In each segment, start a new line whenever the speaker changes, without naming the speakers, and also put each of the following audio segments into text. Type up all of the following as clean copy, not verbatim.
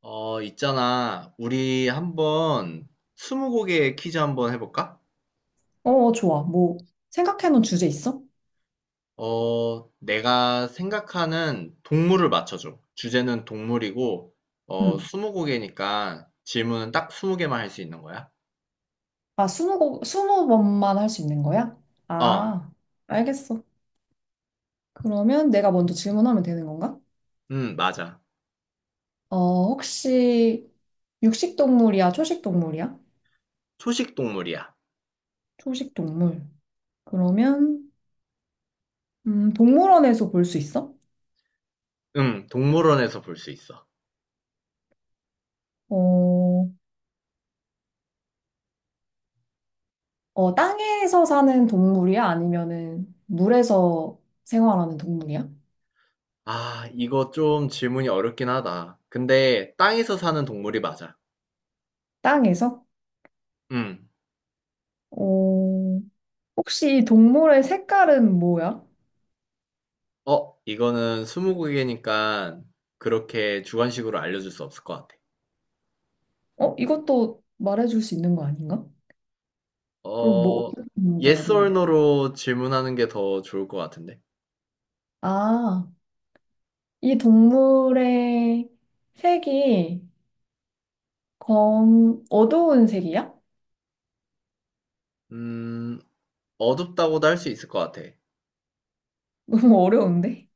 있잖아. 우리 한번 스무고개 퀴즈 한번 해볼까?
어, 좋아. 뭐, 생각해놓은 주제 있어?
내가 생각하는 동물을 맞춰줘. 주제는 동물이고,
응.
스무고개니까 질문은 딱 스무 개만 할 수 있는 거야.
아, 스무 번만 할 수 있는 거야?
어,
아, 알겠어. 그러면 내가 먼저 질문하면 되는 건가?
맞아.
어, 혹시 육식 동물이야? 초식 동물이야?
초식 동물이야.
초식 동물. 그러면, 동물원에서 볼 수 있어?
동물원에서 볼 수 있어.
어, 땅에서 사는 동물이야? 아니면은 물에서 생활하는 동물이야?
아, 이거 좀 질문이 어렵긴 하다. 근데 땅에서 사는 동물이 맞아.
땅에서?
음,
어, 혹시 이 동물의 색깔은 뭐야?
이거는 스무고개니까 그렇게 주관식으로 알려줄 수 없을 것 같아.
어, 이것도 말해줄 수 있는 거 아닌가? 그럼 뭐
어,
어떻게 물어봐야
yes or
되는?
no로 질문하는 게 더 좋을 것 같은데.
아, 이 동물의 색이 검 어두운 색이야?
음, 어둡다고도 할 수 있을 것 같아.
너무 어려운데?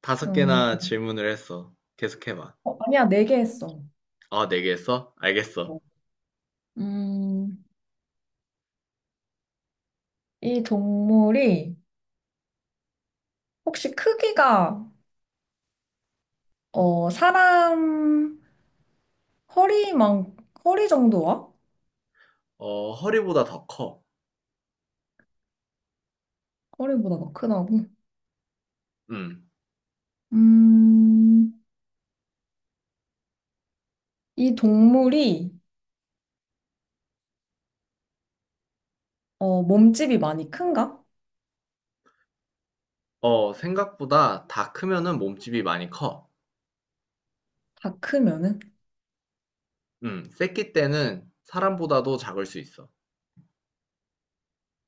다섯
음,
개나 질문을 했어. 계속해봐.
아니야, 네 개 했어.
아, 네 개 했어? 알겠어.
음, 이 동물이 혹시 크기가 사람 허리만 허리 정도와
허리보다 더 커.
허리보다 더 크다고?
음.
음, 이 동물이 몸집이 많이 큰가?
생각보다 다 크면은 몸집이 많이 커.
다 크면은?
새끼 때는 사람보다도 작을 수 있어.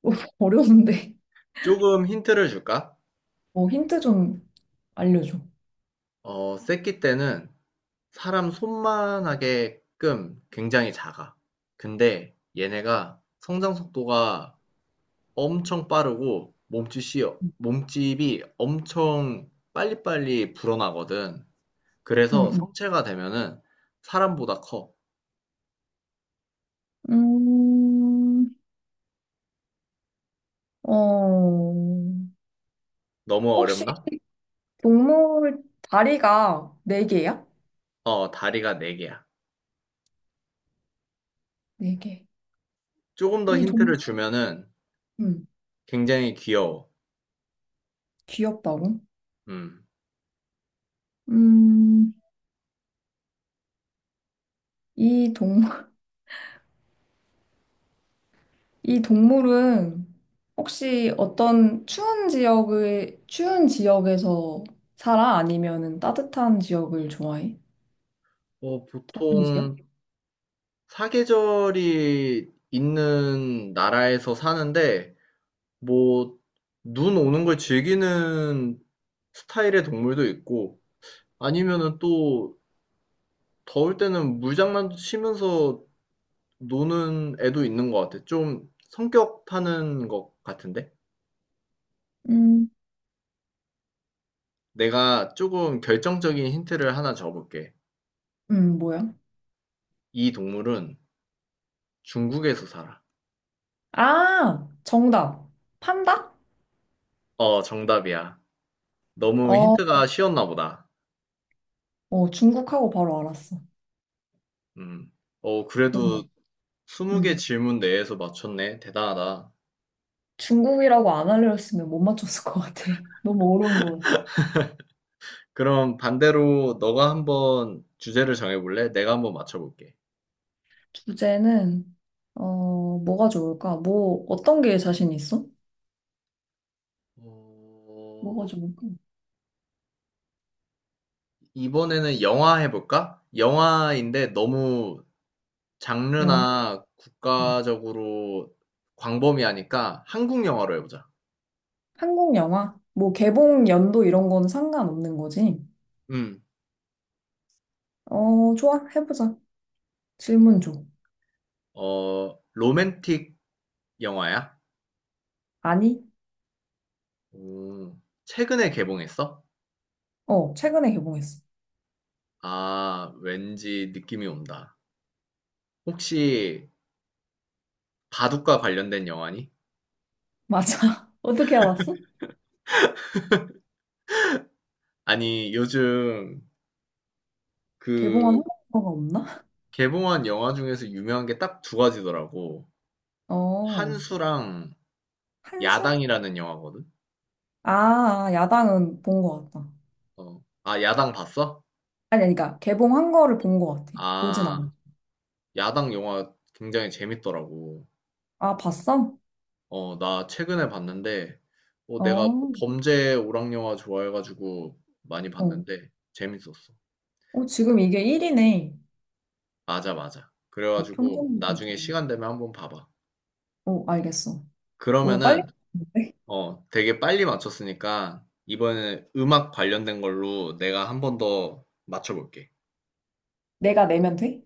어, 어려운데.
조금 힌트를 줄까?
어, 힌트 좀 알려줘.
새끼 때는 사람 손만 하게끔 굉장히 작아. 근데 얘네가 성장 속도가 엄청 빠르고 몸집이 엄청 빨리빨리 불어나거든. 그래서
응,
성체가 되면은 사람보다 커.
응. 음, 어,
너무
혹시
어렵나?
동물 다리가 네 개야?
다리가 네개야.
네 개.
조금 더
이 동,
힌트를 주면은
음,
굉장히 귀여워.
귀엽다고?
음.
음, 이 동, 이 동물은 혹시 추운 지역에서 살아? 아니면은 따뜻한 지역을 좋아해? 더운 지역?
보통 사계절이 있는 나라에서 사는데 뭐, 눈 오는 걸 즐기는 스타일의 동물도 있고, 아니면은 또, 더울 때는 물장난도 치면서 노는 애도 있는 것 같아. 좀 성격 타는 것 같은데?
음,
내가 조금 결정적인 힌트를 하나 줘볼게.
뭐야?
이 동물은 중국에서 살아.
아, 정답. 판다?
정답이야. 너무
어,
힌트가 쉬웠나 보다.
어, 중국하고 바로 알았어.
음. 그래도
너무,
20개
음.
질문 내에서 맞췄네. 대단하다.
중국이라고 안 알려줬으면 못 맞췄을 것 같아. 너무 어려운 것 같아.
그럼 반대로 너가 한번 주제를 정해볼래? 내가 한번 맞춰볼게.
주제는, 어, 뭐가 좋을까? 뭐, 어떤 게 자신 있어?
어,
뭐가 좋을까?
이번에는 영화 해볼까? 영화인데 너무
영화.
장르나
음.
국가적으로 광범위하니까 한국 영화로 해보자.
한국 영화? 뭐, 개봉 연도 이런 거는 상관없는 거지.
음,
어, 좋아. 해보자. 질문 줘.
로맨틱 영화야?
아니?
오, 최근에 개봉했어?
어, 최근에 개봉했어.
아, 왠지 느낌이 온다. 혹시 바둑과 관련된 영화니?
맞아. 어떻게 알았어?
아니, 요즘
개봉한
그
한국 영화가 없나?
개봉한 영화 중에서 유명한 게 딱 두 가지더라고.
어.
한수랑
한수?
야당이라는 영화거든.
아, 아, 야당은 본 것 같다.
어. 아, 야당 봤어?
아니, 아니, 그러니까 개봉한 거를 본 것 같아. 보진 않아.
아, 야당 영화 굉장히 재밌더라고.
아, 봤어?
나 최근에 봤는데, 내가
어,
범죄 오락 영화 좋아해가지고 많이
어.
봤는데 재밌었어.
어, 지금 이게 1위네.
맞아, 맞아. 그래가지고
평점이
나중에
괜찮네.
시간 되면 한번 봐봐.
어, 알겠어. 너무 빨리
그러면은,
봤는데?
되게 빨리 맞췄으니까 이번에 음악 관련된 걸로 내가 한 번 더 맞춰볼게.
내가 내면 돼?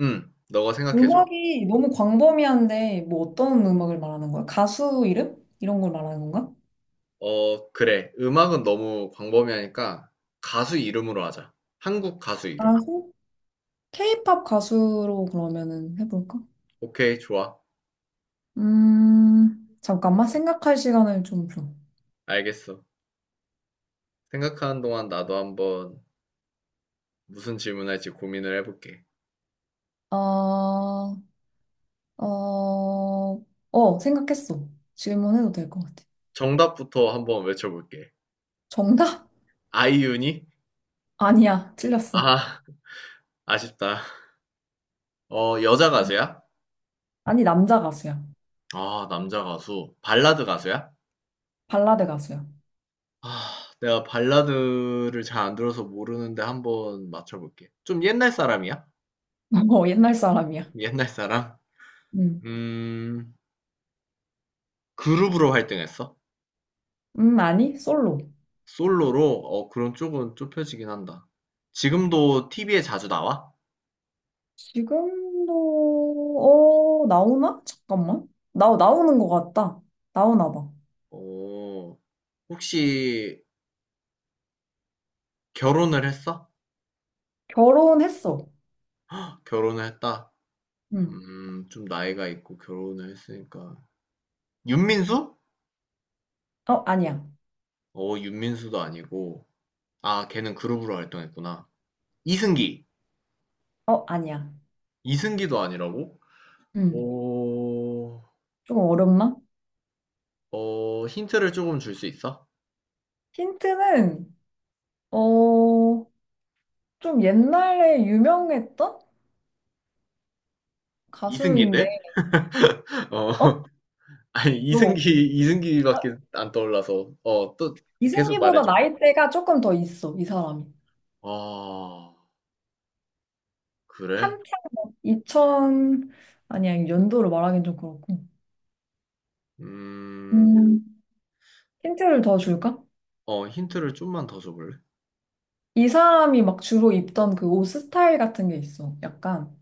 응. 너가 생각해 줘.
음악이 너무 광범위한데, 뭐 어떤 음악을 말하는 거야? 가수 이름? 이런 걸 말하는 건가?
그래. 음악은 너무 광범위하니까 가수 이름으로 하자. 한국 가수 이름.
가수? K-pop 가수로 그러면은 해볼까?
오케이, 좋아.
잠깐만 생각할 시간을 좀 줘.
알겠어. 생각하는 동안 나도 한번 무슨 질문할지 고민을 해볼게.
어, 어, 어, 생각했어. 질문해도 될 것 같아.
정답부터 한번 외쳐볼게.
정답?
아이유니?
아니야, 틀렸어.
아, 아쉽다. 여자 가수야?
아니, 남자 가수야.
아, 남자 가수. 발라드 가수야?
발라드 가수야.
아, 내가 발라드를 잘 안 들어서 모르는데 한번 맞춰볼게. 좀 옛날 사람이야?
어, 옛날 사람이야.
옛날 사람?
음,
음, 그룹으로 활동했어?
아니, 솔로.
솔로로? 그럼 쪽은 좁혀지긴 한다. 지금도 TV에 자주 나와?
지금도, 어, 나오나? 잠깐만. 나오는 것 같다. 나오나 봐.
어, 혹시 결혼을 했어?
결혼했어.
결혼을 했다.
음,
좀 나이가 있고 결혼을 했으니까. 윤민수?
어, 아니야.
어, 윤민수도 아니고. 아, 걔는 그룹으로 활동했구나. 이승기.
어, 아니야.
이승기도 아니라고?
음,
어,
좀 어렵나?
힌트를 조금 줄 수 있어?
힌트는, 어, 좀 옛날에 유명했던 가수인데,
이승기인데?
어?
어, 아니
너무 어-
이승기밖에 안 떠올라서. 또 계속
이승기보다
말해줘.
나이대가 조금 더 있어, 이 사람이.
아, 그래?
한창 막 2000, 아니야, 연도를 말하긴 좀 그렇고.
음,
음. 힌트를 더 줄까?
힌트를 좀만 더 줘볼래?
이 사람이 막 주로 입던 그 옷 스타일 같은 게 있어. 약간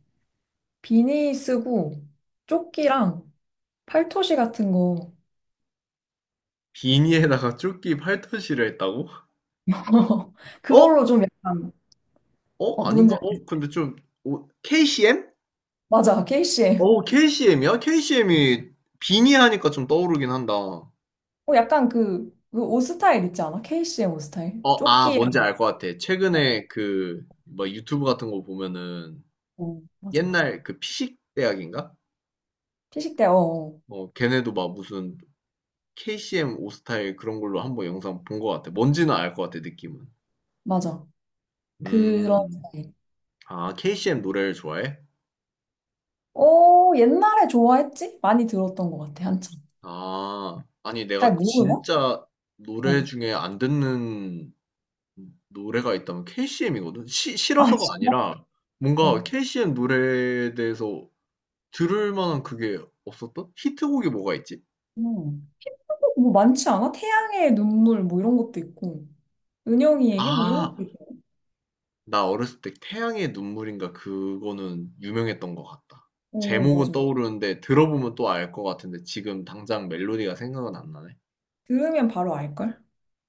비니 쓰고 조끼랑 팔토시 같은 거.
비니에다가 조끼 팔토시를 했다고? 어?
그걸로 좀 약간,
어?
어,
아닌가?
누군지
어?
알겠
근데 좀, 오, KCM?
맞아, KCM.
KCM이야? KCM이 비니 하니까 좀 떠오르긴 한다.
어, 약간 그, 그옷 스타일 있지 않아? KCM 옷 스타일? 조끼랑.
뭔지 알 것 같아.
어,
최근에 그, 뭐 유튜브 같은 거 보면은
어, 맞아.
옛날 그 피식 대학인가?
어, 어.
걔네도 막 무슨 KCM 오스타일 그런 걸로 한번 영상 본 것 같아. 뭔지는 알 것 같아 느낌은.
맞아. 그런
음.
스타일.
아 KCM 노래를 좋아해?
어, 옛날에 좋아했지? 많이 들었던 것 같아, 한참.
아. 아니
잘
내가
모르나?
진짜 노래
어.
중에 안 듣는 노래가 있다면 KCM이거든.
아,
싫어서가
진짜?
아니라 뭔가
어.
KCM 노래에 대해서 들을 만한 그게 없었던? 히트곡이 뭐가 있지?
음. 뭐 많지 않아? 태양의 눈물 뭐 이런 것도 있고. 은영이에게 뭐 이런 것도
아.
있고.
나 어렸을 때 태양의 눈물인가 그거는 유명했던 것 같다.
어,
제목은
맞아.
떠오르는데 들어보면 또 알 것 같은데 지금 당장 멜로디가 생각은 안 나네.
들으면 바로 알걸?